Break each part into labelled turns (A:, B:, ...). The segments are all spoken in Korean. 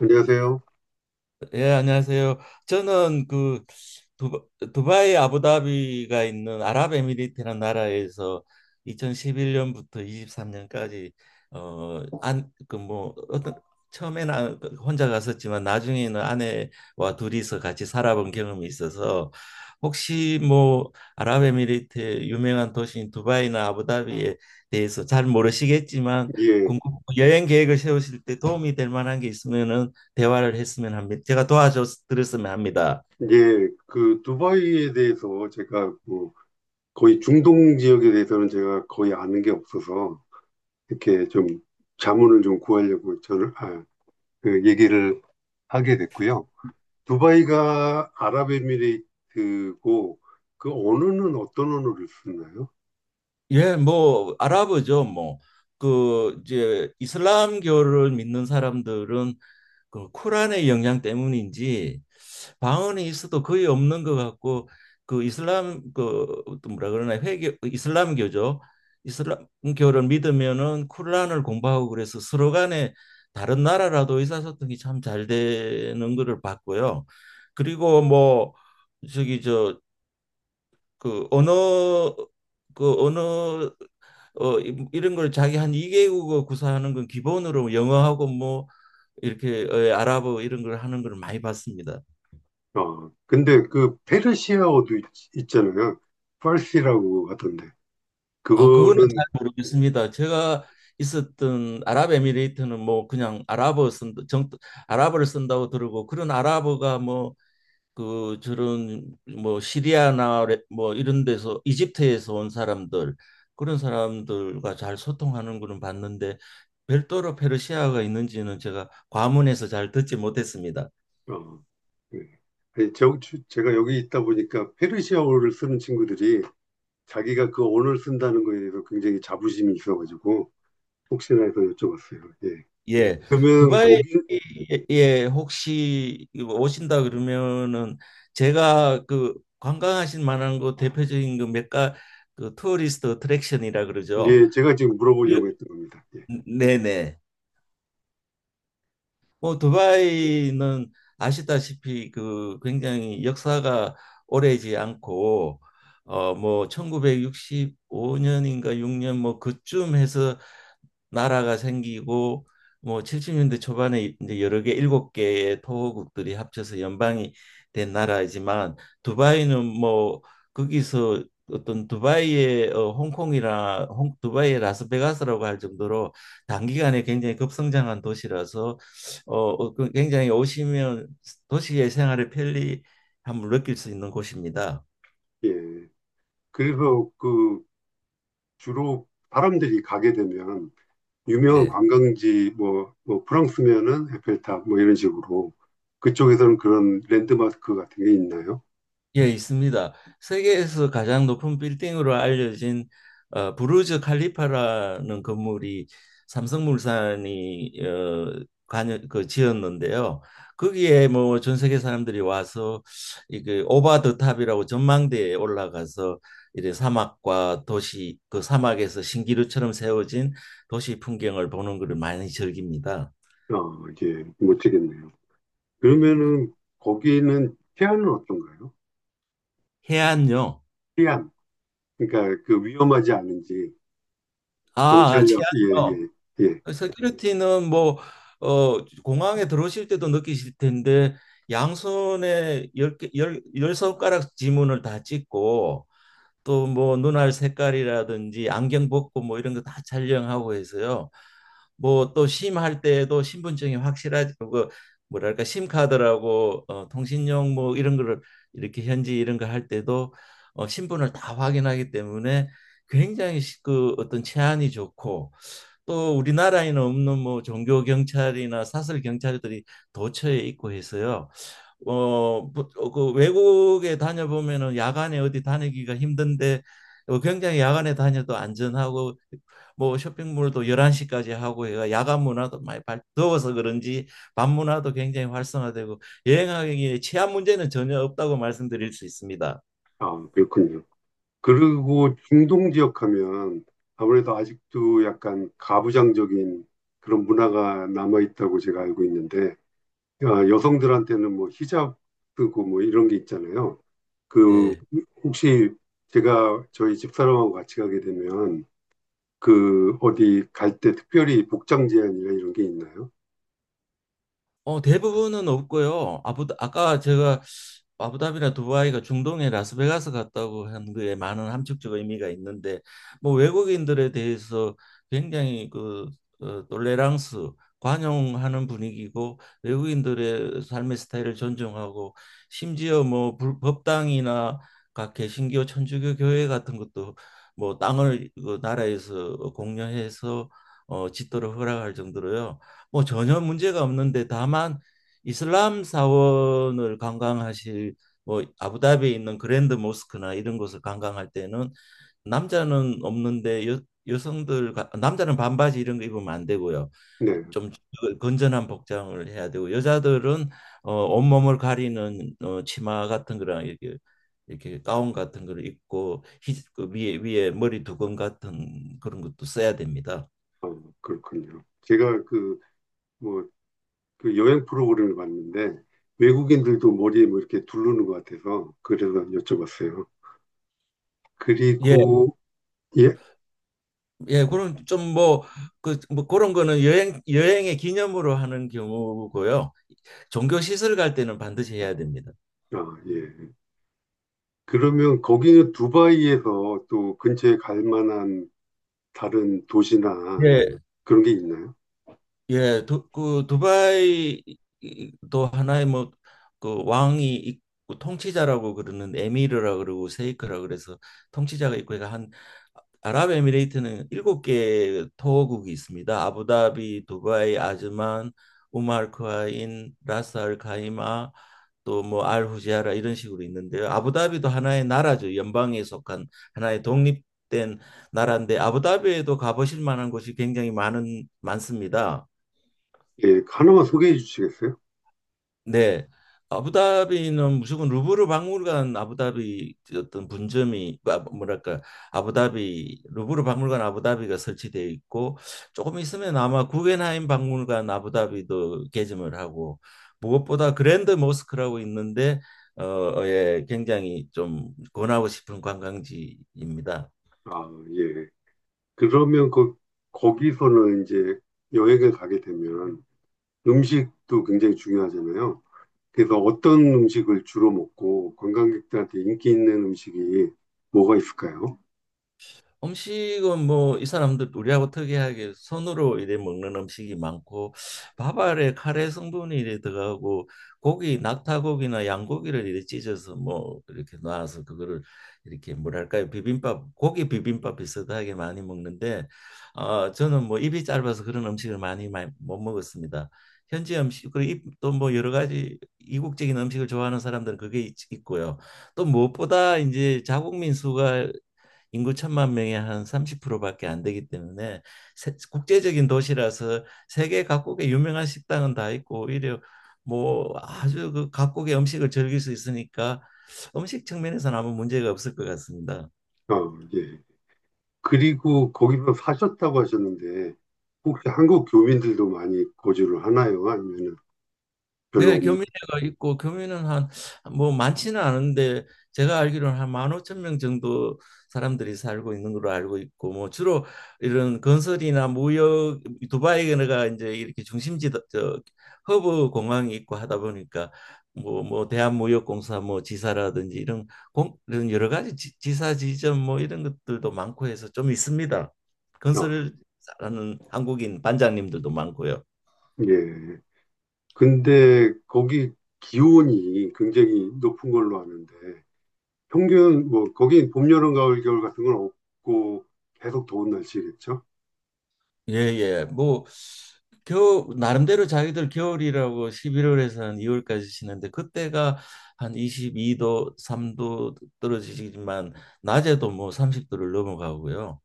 A: 안녕하세요.
B: 예, 안녕하세요. 저는 두바, 두바이 아부다비가 있는 아랍에미리트라는 나라에서 2011년부터 23년까지 어, 안, 그 뭐 어떤 처음에는 혼자 갔었지만 나중에는 아내와 둘이서 같이 살아본 경험이 있어서 혹시 뭐 아랍에미리트의 유명한 도시인 두바이나 아부다비에 대해서 잘 모르시겠지만
A: 예,
B: 궁금 여행 계획을 세우실 때 도움이 될 만한 게 있으면은 대화를 했으면 합니다. 제가 도와줬으면 합니다.
A: 예, 그 두바이에 대해서 제가 뭐 거의 중동 지역에 대해서는 제가 거의 아는 게 없어서 이렇게 좀 자문을 좀 구하려고 저를 그 얘기를 하게 됐고요. 두바이가 아랍에미레이트고 그 언어는 어떤 언어를 쓰나요?
B: 예, 뭐 아랍어죠. 뭐 그 이제 이슬람교를 믿는 사람들은 그 쿠란의 영향 때문인지 방언이 있어도 거의 없는 것 같고 그 이슬람 그 뭐라 그러나 회교 이슬람교죠. 이슬람교를 믿으면은 쿠란을 공부하고 그래서 서로 간에 다른 나라라도 의사소통이 참 잘 되는 거를 봤고요. 그리고 뭐 저기 저 그 언어 그 언어 이런 걸 자기 한 2개국어 구사하는 건 기본으로 뭐 영어하고 뭐 이렇게 아랍어 이런 걸 하는 걸 많이 봤습니다.
A: 아, 근데 그 페르시아어도 있, 잖아요. 파르시라고 하던데
B: 아, 그거는
A: 그거는
B: 잘 모르겠습니다. 제가 있었던 아랍에미레이트는 뭐 그냥 아랍어를 쓴다고 들고 그런 아랍어가 뭐 그 저런 뭐 뭐 이런 데서 이집트에서 온 사람들 그런 사람들과 잘 소통하는 거는 봤는데 별도로 페르시아가 있는지는 제가 과문해서 잘 듣지 못했습니다.
A: 어, 네. 아니, 저, 제가 여기 있다 보니까 페르시아어를 쓰는 친구들이 자기가 그 언어를 쓴다는 거에 대해서 굉장히 자부심이 있어가지고 혹시나 해서 여쭤봤어요. 예.
B: 예.
A: 그러면
B: 두바이에
A: 거기,
B: 예, 혹시 오신다 그러면은 제가 그 관광하실 만한 거 대표적인 그 몇가 그 투어리스트 어트랙션이라 그러죠.
A: 예, 제가 지금
B: 예.
A: 물어보려고 했던 겁니다. 예.
B: 네네. 뭐 두바이는 아시다시피 그 굉장히 역사가 오래지 않고 뭐 1965년인가 6년 뭐 그쯤 해서 나라가 생기고 뭐 70년대 초반에 이제 여러 개 일곱 개의 토호국들이 합쳐서 연방이 된 나라이지만 두바이는 뭐 거기서 어떤 두바이의 두바이의 라스베가스라고 할 정도로 단기간에 굉장히 급성장한 도시라서 그 굉장히 오시면 도시의 생활의 편리함을 느낄 수 있는 곳입니다.
A: 예. 그래서 그 주로 사람들이 가게 되면 유명한
B: 네.
A: 관광지 뭐, 뭐 프랑스면은 에펠탑 뭐 이런 식으로 그쪽에서는 그런 랜드마크 같은 게 있나요?
B: 예, 있습니다. 세계에서 가장 높은 빌딩으로 알려진 부르즈 칼리파라는 건물이 삼성물산이 그 지었는데요. 거기에 뭐 전 세계 사람들이 와서 이게 오바 더 탑이라고 전망대에 올라가서 이제 사막과 도시 그 사막에서 신기루처럼 세워진 도시 풍경을 보는 것을 많이 즐깁니다.
A: 어, 예, 못 되겠네요.
B: 예.
A: 그러면은 거기는 태안은 어떤가요?
B: 해안요.
A: 태안. 그러니까 그 위험하지 않은지
B: 아,
A: 경찰력 예예
B: 해안요.
A: 예, 예.
B: 세큐리티는 뭐 공항에 들어오실 때도 느끼실 텐데 양손에 열 손가락 지문을 다 찍고 또 뭐 눈알 색깔이라든지 안경 벗고 뭐 이런 거 다 촬영하고 해서요. 뭐 또 심할 때에도 신분증이 확실하지 그 뭐랄까 심카드라고 통신용 뭐 이런 거를 이렇게 현지 이런 거 할 때도 신분을 다 확인하기 때문에 굉장히 그 어떤 치안이 좋고 또 우리나라에는 없는 뭐 종교 경찰이나 사설 경찰들이 도처에 있고 해서요. 어, 그 외국에 다녀보면은 야간에 어디 다니기가 힘든데 굉장히 야간에 다녀도 안전하고 뭐 쇼핑몰도 11시까지 하고 해가 야간 문화도 많이 더워서 그런지 밤 문화도 굉장히 활성화되고 여행하기에 치안 문제는 전혀 없다고 말씀드릴 수 있습니다.
A: 아, 그렇군요. 그리고 중동 지역 하면 아무래도 아직도 약간 가부장적인 그런 문화가 남아 있다고 제가 알고 있는데 아, 여성들한테는 뭐 히잡 쓰고 뭐 이런 게 있잖아요. 그
B: 네.
A: 혹시 제가 저희 집사람하고 같이 가게 되면 그 어디 갈 때 특별히 복장 제한이나 이런 게 있나요?
B: 대부분은 없고요. 아까 제가 아부다비나 두바이가 중동의 라스베가스 같다고 한 그에 많은 함축적 의미가 있는데 뭐 외국인들에 대해서 굉장히 그 톨레랑스 관용하는 분위기고 외국인들의 삶의 스타일을 존중하고 심지어 뭐 법당이나 각 개신교 천주교 교회 같은 것도 뭐 땅을 그 나라에서 공여해서 짓도록 허락할 정도로요. 뭐 전혀 문제가 없는데 다만 이슬람 사원을 관광하실 뭐 아부다비에 있는 그랜드 모스크나 이런 곳을 관광할 때는 남자는 없는데 남자는 반바지 이런 거 입으면 안 되고요.
A: 네.
B: 좀 건전한 복장을 해야 되고 여자들은 온몸을 가리는 치마 같은 거랑 이렇게 이렇게 가운 같은 걸 입고 그 위에 머리 두건 같은 그런 것도 써야 됩니다.
A: 아, 그렇군요. 제가 그, 뭐, 그 여행 프로그램을 봤는데, 외국인들도 머리에 뭐 이렇게 두르는 것 같아서, 그래서 여쭤봤어요. 음.
B: 예,
A: 그리고, 예?
B: 예, 그런 좀 뭐 그 뭐 그런 거는 여행의 기념으로 하는 경우고요. 종교 시설 갈 때는 반드시 해야 됩니다.
A: 아, 예. 그러면 거기는 두바이에서 또 근처에 갈 만한 다른 도시나
B: 예,
A: 그런 게 있나요?
B: 그 두바이도 하나의 뭐 그 왕이 있고 통치자라고 그러는 에미르라 그러고 세이크라 그래서 통치자가 있고 해가 한 아랍에미레이트는 일곱 개 토호국이 있습니다. 아부다비, 두바이, 아즈만, 우마르크아인, 라스 알 카이마, 또 뭐 알후지아라 이런 식으로 있는데요. 아부다비도 하나의 나라죠. 연방에 속한 하나의 독립된 나라인데 아부다비에도 가보실 만한 곳이 굉장히 많은 많습니다.
A: 예, 하나만 소개해 주시겠어요?
B: 네. 아부다비는 무조건 루브르 박물관 아부다비 어떤 분점이 뭐랄까 아부다비 루브르 박물관 아부다비가 설치되어 있고 조금 있으면 아마 구겐하임 박물관 아부다비도 개점을 하고 무엇보다 그랜드 모스크라고 있는데 예, 굉장히 좀 권하고 싶은 관광지입니다.
A: 아, 예. 그러면 그, 거기서는 이제 여행을 가게 되면 음식도 굉장히 중요하잖아요. 그래서 어떤 음식을 주로 먹고 관광객들한테 인기 있는 음식이 뭐가 있을까요?
B: 음식은 뭐 이 사람들 우리하고 특이하게 손으로 이래 먹는 음식이 많고 밥알에 카레 성분이 이래 들어가고 고기 낙타고기나 양고기를 이래 찢어서 뭐 이렇게 놔서 그거를 이렇게 뭐랄까요 비빔밥 고기 비빔밥 비슷하게 많이 먹는데 저는 뭐 입이 짧아서 그런 음식을 많이 못 먹었습니다. 현지 음식 그리고 또뭐 여러 가지 이국적인 음식을 좋아하는 사람들은 있고요. 또 무엇보다 이제 자국 민수가 인구 천만 명의 한 30%밖에 안 되기 때문에 국제적인 도시라서 세계 각국의 유명한 식당은 다 있고 오히려 뭐 아주 그 각국의 음식을 즐길 수 있으니까 음식 측면에서는 아무 문제가 없을 것 같습니다.
A: 어, 예. 그리고 거기서 사셨다고 하셨는데 혹시 한국 교민들도 많이 거주를 하나요? 아니면 별로
B: 네,
A: 없나요?
B: 교민회가 있고 교민은 한 뭐 많지는 않은데 제가 알기로는 한 15,000명 정도 사람들이 살고 있는 걸로 알고 있고 뭐 주로 이런 건설이나 무역 두바이가 이제 이렇게 중심지 저 허브 공항이 있고 하다 보니까 뭐 대한무역공사 뭐 지사라든지 이런 공 이런 여러 가지 지사 지점 뭐 이런 것들도 많고 해서 좀 있습니다.
A: 어,
B: 건설을 하는 한국인 반장님들도 많고요.
A: 예. 근데 거기 기온이 굉장히 높은 걸로 아는데 평균 뭐 거긴 봄, 여름, 가을, 겨울 같은 건 없고 계속 더운 날씨겠죠?
B: 예예 뭐 겨우 나름대로 자기들 겨울이라고 11월에서는 2월까지 쉬는데 그때가 한 22도 3도 떨어지지만 낮에도 뭐 30도를 넘어가고요.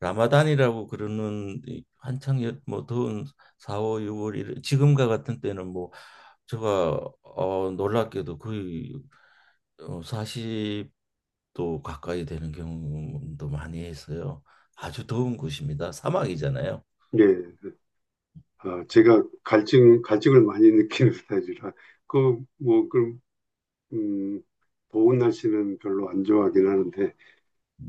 B: 라마단이라고 그러는 이 한창 뭐 더운 4월 6월 지금과 같은 때는 뭐 제가 놀랍게도 거의 40도 가까이 되는 경우도 많이 해서요. 아주 더운 곳입니다. 사막이잖아요.
A: 예. 아, 제가 갈증을 많이 느끼는 스타일이라, 그, 뭐, 그, 음, 더운 날씨는 별로 안 좋아하긴 하는데,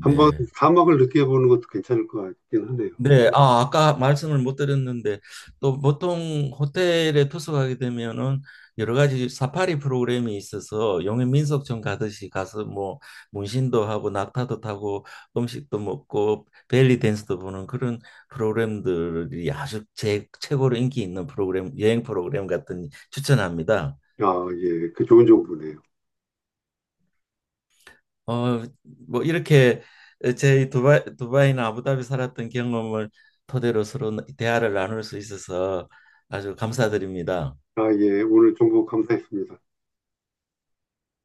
A: 한번 사막을 느껴보는 것도 괜찮을 것 같긴 하네요.
B: 네, 아, 아까 말씀을 못 드렸는데 또 보통 호텔에 투숙하게 되면은 여러 가지 사파리 프로그램이 있어서 용해 민속촌 가듯이 가서 뭐 문신도 하고 낙타도 타고 음식도 먹고 벨리 댄스도 보는 그런 프로그램들이 아주 최고로 인기 있는 프로그램 여행 프로그램 같은 추천합니다.
A: 아, 예, 그 좋은 정보네요.
B: 어, 뭐 이렇게 제 두바이나 아부다비 살았던 경험을 토대로 서로 대화를 나눌 수 있어서 아주 감사드립니다.
A: 아, 예, 오늘 정보 감사했습니다.